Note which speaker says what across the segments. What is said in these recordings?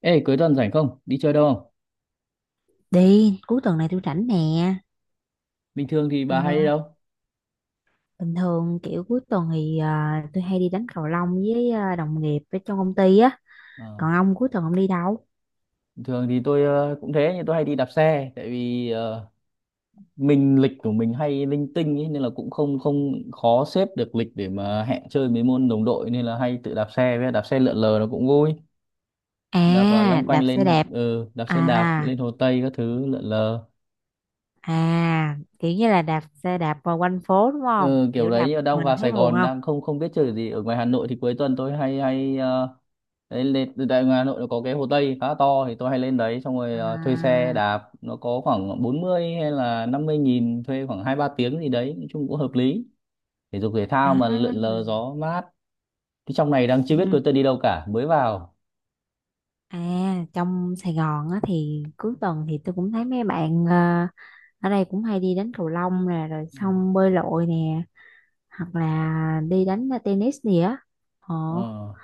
Speaker 1: Ê, cuối tuần rảnh không? Đi chơi đâu không?
Speaker 2: Đi, cuối tuần này tôi rảnh nè.
Speaker 1: Bình thường thì
Speaker 2: Ờ,
Speaker 1: bà hay đi đâu?
Speaker 2: Bình thường kiểu cuối tuần thì tôi hay đi đánh cầu lông với đồng nghiệp ở trong công ty á.
Speaker 1: Ờ,
Speaker 2: Còn ông cuối tuần ông đi đâu?
Speaker 1: bình thường thì tôi cũng thế, nhưng tôi hay đi đạp xe, tại vì mình lịch của mình hay linh tinh ấy, nên là cũng không không khó xếp được lịch để mà hẹn chơi mấy môn đồng đội, nên là hay tự đạp xe, với đạp xe lượn lờ nó cũng vui. Đạp vào
Speaker 2: À,
Speaker 1: lanh quanh
Speaker 2: đạp xe
Speaker 1: lên,
Speaker 2: đạp.
Speaker 1: đạp xe đạp
Speaker 2: À,
Speaker 1: lên Hồ Tây các thứ lượn lờ.
Speaker 2: à, kiểu như là đạp xe đạp vào quanh phố đúng không?
Speaker 1: Ừ, kiểu
Speaker 2: Kiểu đạp một
Speaker 1: đấy, đang
Speaker 2: mình
Speaker 1: vào
Speaker 2: thấy
Speaker 1: Sài
Speaker 2: buồn
Speaker 1: Gòn đang
Speaker 2: không?
Speaker 1: không không biết chơi gì. Ở ngoài Hà Nội thì cuối tuần tôi hay hay đấy, lên từ, tại ngoài Hà Nội nó có cái Hồ Tây khá to, thì tôi hay lên đấy xong rồi thuê
Speaker 2: À,
Speaker 1: xe đạp, nó có khoảng 40 hay là 50.000, thuê khoảng hai ba tiếng gì đấy, nói chung cũng hợp lý. Thể dục thể thao mà,
Speaker 2: à,
Speaker 1: lượn lờ gió mát. Cái trong này đang chưa biết
Speaker 2: ừ.
Speaker 1: cô tớ đi đâu cả, mới vào.
Speaker 2: À, trong Sài Gòn á thì cuối tuần thì tôi cũng thấy mấy bạn ở đây cũng hay đi đánh cầu lông nè, rồi
Speaker 1: Ừ.
Speaker 2: xong bơi lội nè. Hoặc là đi đánh tennis gì á. ờ
Speaker 1: ờ,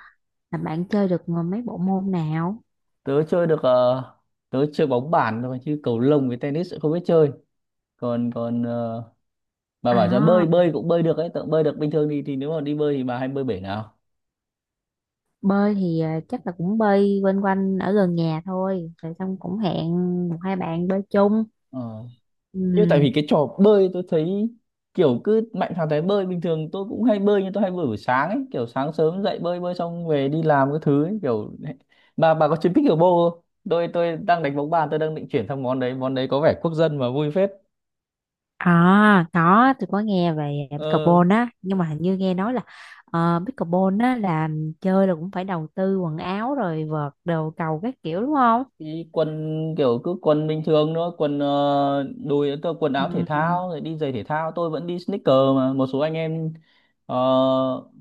Speaker 2: là bạn chơi được mấy bộ môn nào?
Speaker 1: Tớ chơi được, tớ chơi bóng bàn thôi, chứ cầu lông với tennis cũng không biết chơi. Còn còn bà bảo cho
Speaker 2: À,
Speaker 1: bơi, bơi cũng bơi được ấy, tớ cũng bơi được bình thường. Thì Nếu mà đi bơi thì bà hay bơi bể nào?
Speaker 2: bơi thì chắc là cũng bơi quanh quanh ở gần nhà thôi rồi xong cũng hẹn một hai bạn bơi chung.
Speaker 1: Ờ. Nhưng tại
Speaker 2: Ừ.
Speaker 1: vì cái trò bơi tôi thấy kiểu cứ mạnh thằng thấy bơi, bình thường tôi cũng hay bơi, nhưng tôi hay bơi buổi sáng ấy, kiểu sáng sớm dậy bơi, bơi xong về đi làm cái thứ ấy, kiểu. Bà có chơi pickleball không? Tôi đang đánh bóng bàn, tôi đang định chuyển sang món đấy. Món đấy có vẻ quốc dân mà vui phết.
Speaker 2: À, có, tôi có nghe về
Speaker 1: ờ
Speaker 2: pickleball á, nhưng mà hình như nghe nói là pickleball á là chơi là cũng phải đầu tư quần áo rồi vợt đồ cầu các kiểu đúng không?
Speaker 1: Thì quần, kiểu cứ quần bình thường thôi, quần đùi, tôi quần
Speaker 2: Ừ,
Speaker 1: áo thể thao rồi đi giày thể thao, tôi vẫn đi sneaker. Mà một số anh em ờ,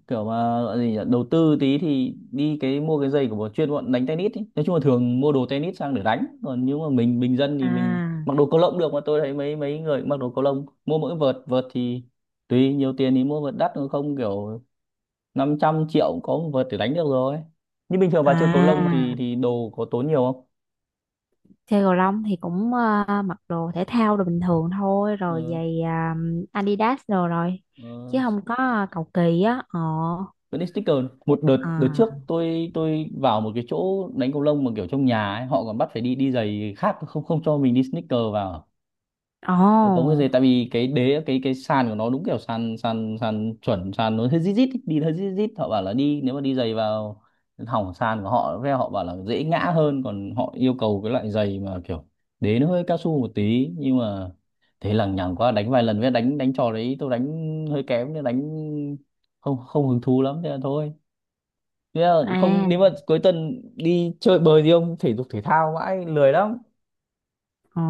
Speaker 1: kiểu mà gọi gì nhỉ? Đầu tư tí thì đi cái, mua cái giày của bọn chuyên, bọn đánh tennis ý. Nói chung là thường mua đồ tennis sang để đánh, còn nếu mà mình bình dân thì mình
Speaker 2: à,
Speaker 1: mặc đồ cầu lông được. Mà tôi thấy mấy mấy người cũng mặc đồ cầu lông, mua mỗi vợt. Vợt thì tùy, nhiều tiền thì mua vợt đắt, còn không kiểu 500 triệu cũng có một vợt để đánh được rồi. Nhưng bình thường bà chơi cầu lông thì
Speaker 2: à.
Speaker 1: đồ có tốn nhiều
Speaker 2: Chơi cầu lông thì cũng mặc đồ thể thao đồ bình thường thôi rồi
Speaker 1: không?
Speaker 2: giày Adidas đồ rồi, chứ
Speaker 1: Ờ,
Speaker 2: không có cầu kỳ á. Ờ
Speaker 1: vẫn đi sticker. Một đợt, đợt
Speaker 2: À,
Speaker 1: trước tôi vào một cái chỗ đánh cầu lông mà kiểu trong nhà ấy, họ còn bắt phải đi đi giày khác, không không cho mình đi sneaker vào. Nó có cái gì,
Speaker 2: ồ,
Speaker 1: tại vì cái đế, cái sàn của nó đúng kiểu sàn, sàn sàn chuẩn sàn, nó hơi rít rít ý, đi hơi rít rít, họ bảo là đi, nếu mà đi giày vào hỏng sàn của họ. Với họ bảo là dễ ngã hơn. Còn họ yêu cầu cái loại giày mà kiểu đế nó hơi cao su một tí, nhưng mà thế lằng nhằng quá, đánh vài lần. Với đánh đánh trò đấy tôi đánh hơi kém, nên đánh không không hứng thú lắm, thế là thôi. Thế là không,
Speaker 2: à,
Speaker 1: nếu mà cuối tuần đi chơi bời gì không, thể dục thể thao mãi lười lắm.
Speaker 2: ờ.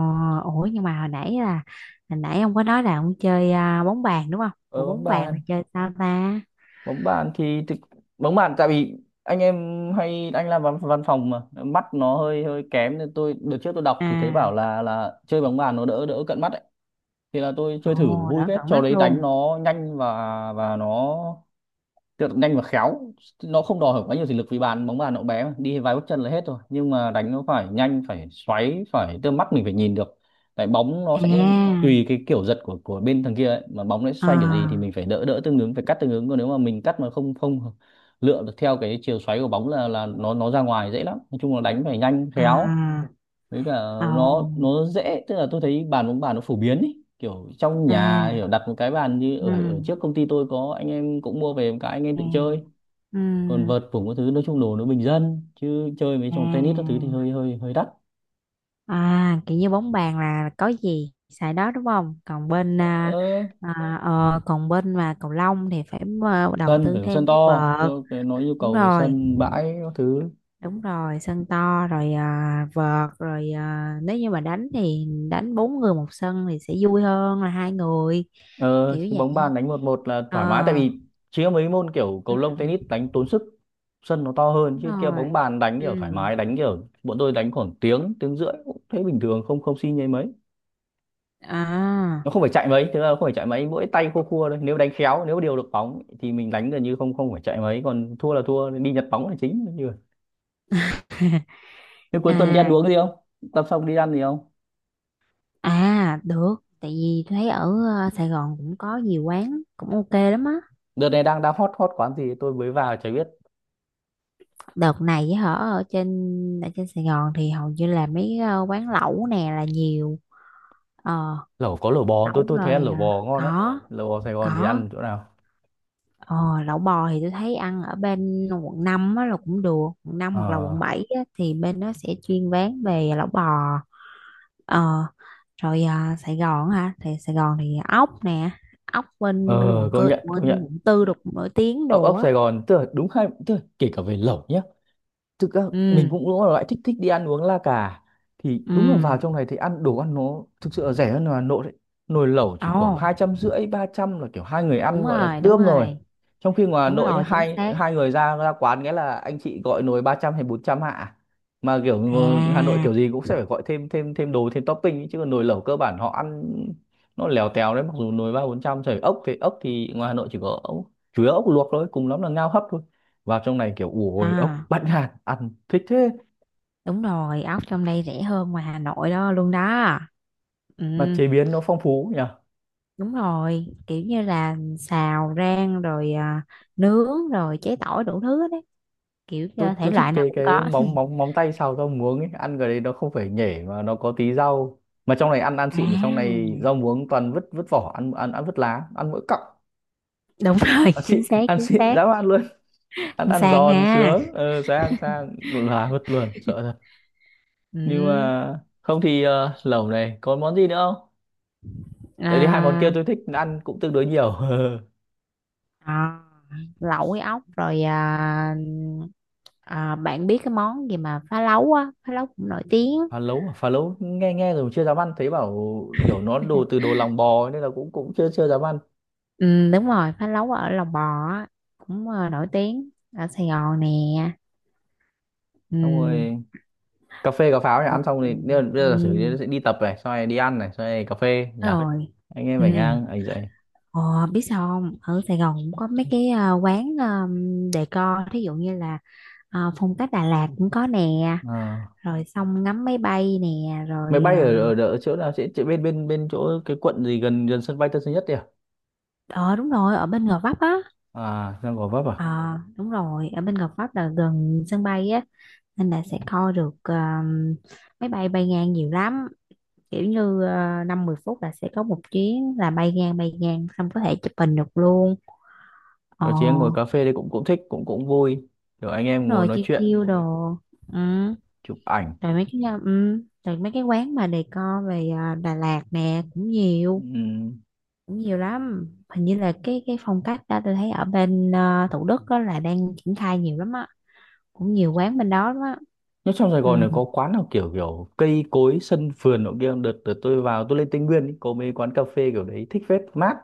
Speaker 2: Ủa, nhưng mà hồi nãy ông có nói là ông chơi bóng bàn đúng không? Ủa,
Speaker 1: Ờ, bóng
Speaker 2: bóng bàn là
Speaker 1: bàn.
Speaker 2: chơi sao ta?
Speaker 1: Bóng bàn thì thực Bóng bàn, tại vì anh em hay anh làm văn, văn phòng, mà mắt nó hơi hơi kém, nên tôi đợt trước tôi đọc thì thấy bảo
Speaker 2: À,
Speaker 1: là chơi bóng bàn nó đỡ, đỡ cận mắt ấy. Thì là tôi chơi thử,
Speaker 2: ồ.
Speaker 1: vui
Speaker 2: Đỡ
Speaker 1: phết
Speaker 2: cận
Speaker 1: trò
Speaker 2: mắt
Speaker 1: đấy. Đánh
Speaker 2: luôn.
Speaker 1: nó nhanh, và nó. Tức là nhanh và khéo, nó không đòi hỏi quá nhiều thể lực, vì bàn bóng bàn nó bé mà, đi vài bước chân là hết rồi. Nhưng mà đánh nó phải nhanh, phải xoáy, phải tức là mắt mình phải nhìn được. Tại bóng nó sẽ
Speaker 2: À,
Speaker 1: tùy cái kiểu giật của bên thằng kia ấy, mà bóng nó sẽ
Speaker 2: ờ,
Speaker 1: xoay kiểu gì thì mình phải đỡ, đỡ tương ứng, phải cắt tương ứng. Còn nếu mà mình cắt mà không không lựa được theo cái chiều xoáy của bóng là nó ra ngoài dễ lắm. Nói chung là đánh phải nhanh
Speaker 2: à,
Speaker 1: khéo. Với cả
Speaker 2: ồ,
Speaker 1: nó dễ, tức là tôi thấy bàn bóng bàn nó phổ biến ý, kiểu trong nhà
Speaker 2: à,
Speaker 1: kiểu đặt một cái bàn, như
Speaker 2: ừ,
Speaker 1: ở, ở trước công ty tôi có anh em cũng mua về một cái, anh em
Speaker 2: ừ,
Speaker 1: tự chơi.
Speaker 2: ừ,
Speaker 1: Còn vợt phủng các thứ, nói chung đồ nó bình dân, chứ chơi mấy trò tennis các thứ thì hơi
Speaker 2: à.
Speaker 1: hơi hơi đắt.
Speaker 2: À, kiểu như bóng bàn là có gì xài đó đúng không? Còn bên à,
Speaker 1: Ờ,
Speaker 2: à, ờ, còn bên mà cầu lông thì phải đầu
Speaker 1: sân
Speaker 2: tư
Speaker 1: phải có sân
Speaker 2: thêm
Speaker 1: to,
Speaker 2: cái vợt.
Speaker 1: tôi nói yêu
Speaker 2: Đúng
Speaker 1: cầu về
Speaker 2: rồi,
Speaker 1: sân bãi các thứ.
Speaker 2: đúng rồi, sân to rồi, vợt rồi, nếu như mà đánh thì đánh bốn người một sân thì sẽ vui hơn là hai người
Speaker 1: Ờ,
Speaker 2: kiểu
Speaker 1: chứ
Speaker 2: vậy.
Speaker 1: bóng bàn đánh một một là
Speaker 2: Ờ,
Speaker 1: thoải mái, tại vì chỉ có mấy môn kiểu cầu
Speaker 2: ừ,
Speaker 1: lông tennis đánh tốn sức, sân nó to hơn.
Speaker 2: đúng
Speaker 1: Chứ kia
Speaker 2: rồi.
Speaker 1: bóng bàn đánh
Speaker 2: Ừ.
Speaker 1: kiểu thoải mái, đánh kiểu bọn tôi đánh khoảng tiếng, tiếng rưỡi cũng thấy bình thường, không không xin nhây mấy.
Speaker 2: À.
Speaker 1: Nó không phải chạy mấy, thực ra nó không phải chạy mấy, mỗi tay khua khua thôi, nếu đánh khéo, nếu điều được bóng thì mình đánh gần như không không phải chạy mấy, còn thua là thua đi nhặt bóng là chính, như vậy. Thế cuối tuần đi ăn
Speaker 2: À,
Speaker 1: uống gì không, tập xong đi ăn gì không?
Speaker 2: à, được. Tại vì tôi thấy ở Sài Gòn cũng có nhiều quán cũng ok lắm á.
Speaker 1: Đợt này đang đang hot hot quán gì tôi mới vào chả biết.
Speaker 2: Đợt này với hở, ở trên Sài Gòn thì hầu như là mấy quán lẩu nè là nhiều. Ờ,
Speaker 1: Lẩu có lẩu bò, tôi
Speaker 2: lẩu
Speaker 1: tôi thấy ăn
Speaker 2: rồi.
Speaker 1: lẩu bò ngon
Speaker 2: Ờ,
Speaker 1: đấy.
Speaker 2: Có,
Speaker 1: Lẩu bò Sài Gòn thì
Speaker 2: có.
Speaker 1: ăn chỗ nào?
Speaker 2: Ờ, lẩu bò thì tôi thấy ăn ở bên quận 5 á là cũng được. Quận năm hoặc là
Speaker 1: Ờ,
Speaker 2: quận 7 á, thì bên đó sẽ chuyên bán về lẩu bò. Ờ, rồi. Ờ, Sài Gòn hả? Thì Sài Gòn thì ốc nè. Ốc bên bên
Speaker 1: ờ
Speaker 2: quận cơ
Speaker 1: công nhận, công
Speaker 2: bên
Speaker 1: nhận.
Speaker 2: quận tư được nổi tiếng
Speaker 1: Ốc,
Speaker 2: đồ á.
Speaker 1: Sài Gòn, tức là đúng hai, tức là kể cả về lẩu nhá. Thực ra mình
Speaker 2: Ừ,
Speaker 1: cũng đúng là loại thích, đi ăn uống la cà, thì
Speaker 2: ừ,
Speaker 1: đúng là vào trong này thì ăn, đồ ăn nó thực sự là rẻ hơn là Hà Nội đấy. Nồi lẩu chỉ
Speaker 2: ồ.
Speaker 1: khoảng 250, 300 là kiểu hai người
Speaker 2: Đúng
Speaker 1: ăn gọi là
Speaker 2: rồi, đúng
Speaker 1: tươm rồi.
Speaker 2: rồi,
Speaker 1: Trong khi ngoài Hà
Speaker 2: đúng
Speaker 1: Nội nhá,
Speaker 2: rồi, chính
Speaker 1: hai
Speaker 2: xác.
Speaker 1: hai người ra, quán, nghĩa là anh chị gọi nồi 300 hay 400 hạ, mà kiểu ngồi Hà Nội
Speaker 2: À,
Speaker 1: kiểu gì cũng sẽ phải gọi thêm thêm thêm đồ, thêm topping ấy. Chứ còn nồi lẩu cơ bản họ ăn, nó lèo tèo đấy, mặc dù nồi 3 4 trăm. Trời, ốc thì, ốc thì ngoài Hà Nội chỉ có ốc, chủ yếu ốc luộc thôi, cùng lắm là ngao hấp thôi. Vào trong này kiểu, ủ ồi ốc
Speaker 2: à,
Speaker 1: bãnh hạt, ăn thích thế.
Speaker 2: đúng rồi, ốc trong đây rẻ hơn ngoài Hà Nội đó luôn đó. Ừ.
Speaker 1: Mà chế biến nó phong phú nhỉ.
Speaker 2: Đúng rồi, kiểu như là xào rang rồi, nướng rồi chế tỏi đủ thứ hết đấy. Kiểu
Speaker 1: tôi
Speaker 2: như thể
Speaker 1: tôi thích
Speaker 2: loại nào
Speaker 1: cái,
Speaker 2: cũng có.
Speaker 1: móng, móng tay xào rau muống ấy, ăn cái đấy nó không phải nhể mà nó có tí rau. Mà trong này ăn, xịn thì trong này
Speaker 2: À,
Speaker 1: rau muống toàn vứt, vỏ, ăn, ăn vứt lá, ăn mỗi cọng.
Speaker 2: đúng rồi.
Speaker 1: Ăn xịn
Speaker 2: Chính xác,
Speaker 1: ăn
Speaker 2: chính
Speaker 1: xịn
Speaker 2: xác.
Speaker 1: dám ăn luôn. Ăn,
Speaker 2: Con sang
Speaker 1: giòn
Speaker 2: ha.
Speaker 1: sướng. Ờ, sang, là vứt luôn, sợ thật. Nhưng
Speaker 2: Ừ,
Speaker 1: mà không thì lẩu này còn món gì nữa không? Tại vì hai món kia
Speaker 2: à,
Speaker 1: tôi thích ăn cũng tương đối nhiều
Speaker 2: à, lẩu với ốc rồi À, bạn biết cái món gì mà phá lấu á, phá lấu cũng nổi tiếng.
Speaker 1: phá lấu à? Phá lấu nghe, rồi chưa dám ăn, thấy bảo kiểu nó đồ từ đồ lòng bò ấy, nên là cũng cũng chưa chưa dám ăn.
Speaker 2: Ừ, đúng rồi, phá lấu ở Lòng Bò á, cũng nổi tiếng ở Sài Gòn nè. Ừ,
Speaker 1: Xong rồi cà phê cà pháo nhỉ, ăn xong
Speaker 2: ừ,
Speaker 1: thì bây giờ bây
Speaker 2: ừ,
Speaker 1: giờ giả sử như
Speaker 2: đúng
Speaker 1: sẽ đi tập này, xong rồi đi ăn này, xong rồi cà phê nhỉ.
Speaker 2: rồi.
Speaker 1: Anh em
Speaker 2: Ừ.
Speaker 1: phải ngang anh dậy.
Speaker 2: Ờ, biết sao không? Ở Sài Gòn cũng có mấy cái quán decor, thí dụ như là phong cách Đà Lạt cũng có nè,
Speaker 1: Ờ.
Speaker 2: rồi xong ngắm máy bay nè,
Speaker 1: Máy
Speaker 2: rồi
Speaker 1: bay
Speaker 2: ờ
Speaker 1: ở, ở, ở chỗ nào sẽ, chỗ bên bên bên chỗ cái quận gì gần gần sân bay Tân Sơn Nhất đấy à?
Speaker 2: ờ, đúng rồi, ở bên Gò Vấp á.
Speaker 1: À, đang Gò Vấp à?
Speaker 2: Ờ, đúng rồi, ở bên Gò Vấp là gần sân bay á, nên là sẽ coi được máy bay bay ngang nhiều lắm. Kiểu như 5-10 phút là sẽ có một chuyến là bay ngang bay ngang, xong có thể chụp hình được luôn. Ờ,
Speaker 1: Rồi chị em ngồi cà phê đấy cũng cũng thích, cũng cũng vui, kiểu anh
Speaker 2: đúng
Speaker 1: em ngồi
Speaker 2: rồi,
Speaker 1: nói
Speaker 2: chiêu
Speaker 1: chuyện,
Speaker 2: chiêu đồ. Ừ.
Speaker 1: chụp ảnh.
Speaker 2: Rồi mấy cái, ừ. Rồi mấy cái quán mà decor về Đà Lạt nè cũng
Speaker 1: Ừ.
Speaker 2: nhiều. Cũng nhiều lắm, hình như là cái phong cách đó tôi thấy ở bên Thủ Đức đó là đang triển khai nhiều lắm á. Cũng nhiều quán bên đó lắm á.
Speaker 1: Nó trong Sài
Speaker 2: Ừ.
Speaker 1: Gòn này có quán nào kiểu kiểu cây cối sân vườn nọ kia không? Đợt, đợt tôi vào tôi lên Tây Nguyên ý, có mấy quán cà phê kiểu đấy thích phết, mát.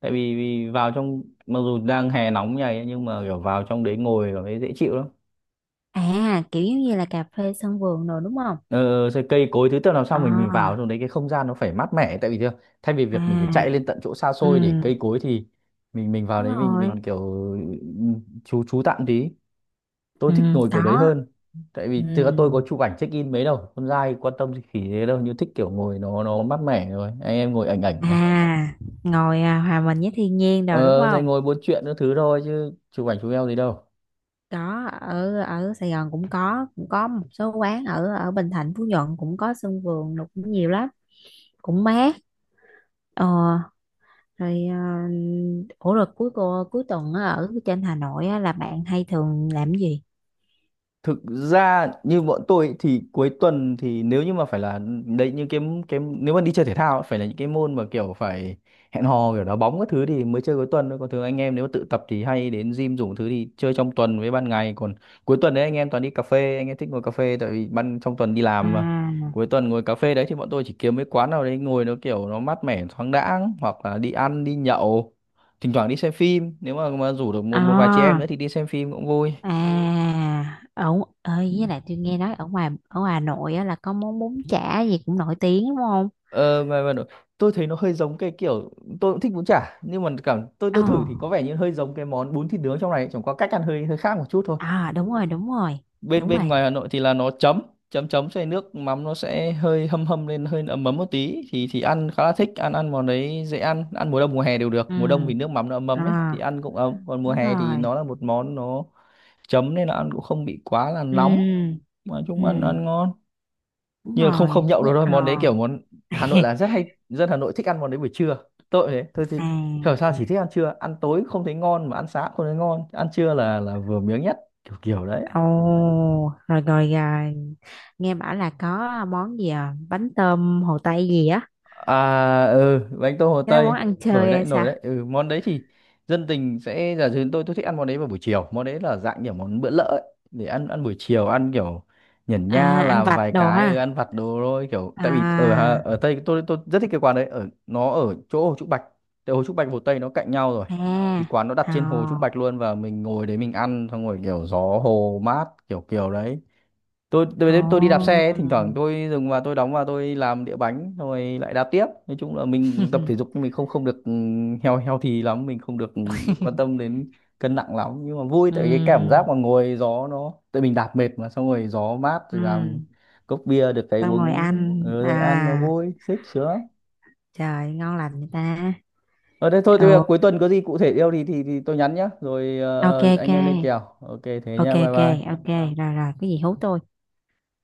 Speaker 1: Tại vì, vì vào trong mặc dù đang hè nóng như này ấy, nhưng mà kiểu vào trong đấy ngồi cảm thấy dễ chịu lắm.
Speaker 2: À, kiểu giống như là cà phê sân vườn rồi đúng không?
Speaker 1: Ờ, sẽ cây cối thứ tự làm sao mình vào
Speaker 2: À,
Speaker 1: trong đấy cái không gian nó phải mát mẻ tại vì thế, thay vì việc mình phải chạy lên
Speaker 2: à,
Speaker 1: tận chỗ xa
Speaker 2: ừ,
Speaker 1: xôi để cây cối thì mình vào
Speaker 2: đúng
Speaker 1: đấy mình
Speaker 2: rồi,
Speaker 1: mình kiểu ừ, chú tạm tí. Tôi thích
Speaker 2: ừ,
Speaker 1: ngồi
Speaker 2: có,
Speaker 1: kiểu đấy hơn tại vì thực ra tôi có
Speaker 2: ừ,
Speaker 1: chụp ảnh check in mấy đâu, con trai quan tâm gì khỉ thế đâu, như thích kiểu ngồi nó mát mẻ rồi anh em ngồi ảnh ảnh mà.
Speaker 2: à. Ngồi hòa mình với thiên nhiên rồi đúng
Speaker 1: Ờ rồi
Speaker 2: không?
Speaker 1: ngồi buôn chuyện các thứ thôi chứ chụp ảnh chụp eo gì đâu.
Speaker 2: Có, ở ở Sài Gòn cũng có một số quán ở ở Bình Thạnh, Phú Nhuận cũng có sân vườn, nó cũng nhiều lắm. Cũng mát. ờ Rồi, ủa, rồi cuối tuần á, ở trên Hà Nội á, là bạn hay thường làm cái gì?
Speaker 1: Thực ra như bọn tôi thì cuối tuần thì nếu như mà phải là đấy như cái nếu mà đi chơi thể thao ấy, phải là những cái môn mà kiểu phải hẹn hò kiểu đá bóng các thứ thì mới chơi cuối tuần thôi, còn thường anh em nếu mà tự tập thì hay đến gym dùng thứ thì chơi trong tuần với ban ngày, còn cuối tuần đấy anh em toàn đi cà phê, anh em thích ngồi cà phê tại vì ban trong tuần đi làm mà.
Speaker 2: À,
Speaker 1: Cuối tuần ngồi cà phê đấy thì bọn tôi chỉ kiếm mấy quán nào đấy ngồi nó kiểu nó mát mẻ thoáng đãng, hoặc là đi ăn đi nhậu, thỉnh thoảng đi xem phim, nếu mà rủ được một một vài chị em nữa
Speaker 2: à.
Speaker 1: thì đi xem phim cũng vui.
Speaker 2: À, ở, ơi, với lại tôi nghe nói ở ngoài Hà Nội á, là có món bún chả gì cũng nổi tiếng đúng không?
Speaker 1: Ờ, mà, mà nó- tôi thấy nó hơi giống cái kiểu, tôi cũng thích bún chả nhưng mà cảm tôi
Speaker 2: Ồ,
Speaker 1: tôi thử thì có vẻ như hơi giống cái món bún thịt nướng trong này, chẳng qua cách ăn hơi hơi khác một chút thôi.
Speaker 2: à, đúng rồi, đúng rồi.
Speaker 1: bên
Speaker 2: Đúng
Speaker 1: bên
Speaker 2: rồi.
Speaker 1: ngoài Hà Nội thì là nó chấm chấm chấm xoay nước mắm, nó sẽ hơi hâm hâm lên, hơi ấm ấm một tí thì ăn khá là thích, ăn ăn món đấy dễ ăn, ăn mùa đông mùa hè đều được.
Speaker 2: Ừ.
Speaker 1: Mùa đông thì nước mắm nó ấm ấm ấy
Speaker 2: À,
Speaker 1: thì ăn cũng ấm, còn mùa
Speaker 2: đúng
Speaker 1: hè thì
Speaker 2: rồi.
Speaker 1: nó là một món nó chấm nên là ăn cũng không bị quá là nóng,
Speaker 2: Ừ,
Speaker 1: mà chung ăn
Speaker 2: ừ,
Speaker 1: ăn ngon,
Speaker 2: đúng
Speaker 1: nhưng mà không
Speaker 2: rồi.
Speaker 1: không nhậu được thôi.
Speaker 2: Ờ.
Speaker 1: Món đấy kiểu món Hà Nội là rất hay, dân Hà Nội thích ăn món đấy buổi trưa. Tôi thì hiểu
Speaker 2: À,
Speaker 1: sao chỉ thích ăn trưa, ăn tối không thấy ngon mà ăn sáng không thấy ngon, ăn trưa là vừa miếng nhất kiểu kiểu đấy.
Speaker 2: ồ, rồi, rồi, rồi. Nghe bảo là có món gì à? Bánh tôm Hồ Tây gì á?
Speaker 1: À ừ, bánh tôm Hồ
Speaker 2: Cái đó
Speaker 1: Tây
Speaker 2: món ăn
Speaker 1: nổi
Speaker 2: chơi
Speaker 1: đấy,
Speaker 2: hay
Speaker 1: nổi
Speaker 2: sao?
Speaker 1: đấy. Ừ, món đấy thì dân tình sẽ giả duyên, tôi thích ăn món đấy vào buổi chiều. Món đấy là dạng kiểu món bữa lỡ ấy, để ăn ăn buổi chiều, ăn kiểu nhẩn nha
Speaker 2: À, ăn
Speaker 1: làm
Speaker 2: vặt
Speaker 1: vài
Speaker 2: đồ
Speaker 1: cái, ừ,
Speaker 2: ha.
Speaker 1: ăn vặt đồ thôi kiểu. Tại vì ở
Speaker 2: À,
Speaker 1: ở Tây tôi rất thích cái quán đấy, ở nó ở chỗ Hồ Trúc Bạch. Tại Hồ Trúc Bạch Hồ Tây nó cạnh nhau rồi. Thì
Speaker 2: à,
Speaker 1: quán nó đặt trên Hồ Trúc
Speaker 2: à,
Speaker 1: Bạch luôn, và mình ngồi đấy mình ăn xong rồi kiểu gió hồ mát kiểu kiểu đấy. tôi
Speaker 2: ồ.
Speaker 1: tôi tôi đi đạp xe ấy, thỉnh thoảng tôi dừng và tôi đóng và tôi làm đĩa bánh rồi lại đạp tiếp. Nói chung là mình tập thể dục nhưng mình không không được, ừ, heo heo thì lắm, mình không được, ừ, quan tâm đến cân nặng lắm, nhưng mà vui tại cái cảm giác
Speaker 2: Ừm,
Speaker 1: mà ngồi gió nó, tại mình đạp mệt mà xong rồi gió mát rồi làm
Speaker 2: ừm.
Speaker 1: cốc bia được cái
Speaker 2: Xong rồi
Speaker 1: uống,
Speaker 2: ăn.
Speaker 1: ừ, rồi ăn nó
Speaker 2: À,
Speaker 1: vui xích sướng lắm.
Speaker 2: trời, ngon lành vậy ta.
Speaker 1: Ở đây thôi, tôi
Speaker 2: Ồ,
Speaker 1: cuối tuần có gì cụ thể yêu thì thì tôi nhắn nhá rồi,
Speaker 2: ok,
Speaker 1: ờ,
Speaker 2: ok.
Speaker 1: anh em lên kèo, ok thế
Speaker 2: Ok,
Speaker 1: nha, bye
Speaker 2: ok,
Speaker 1: bye.
Speaker 2: ok. Rồi, rồi, cái gì hú tôi.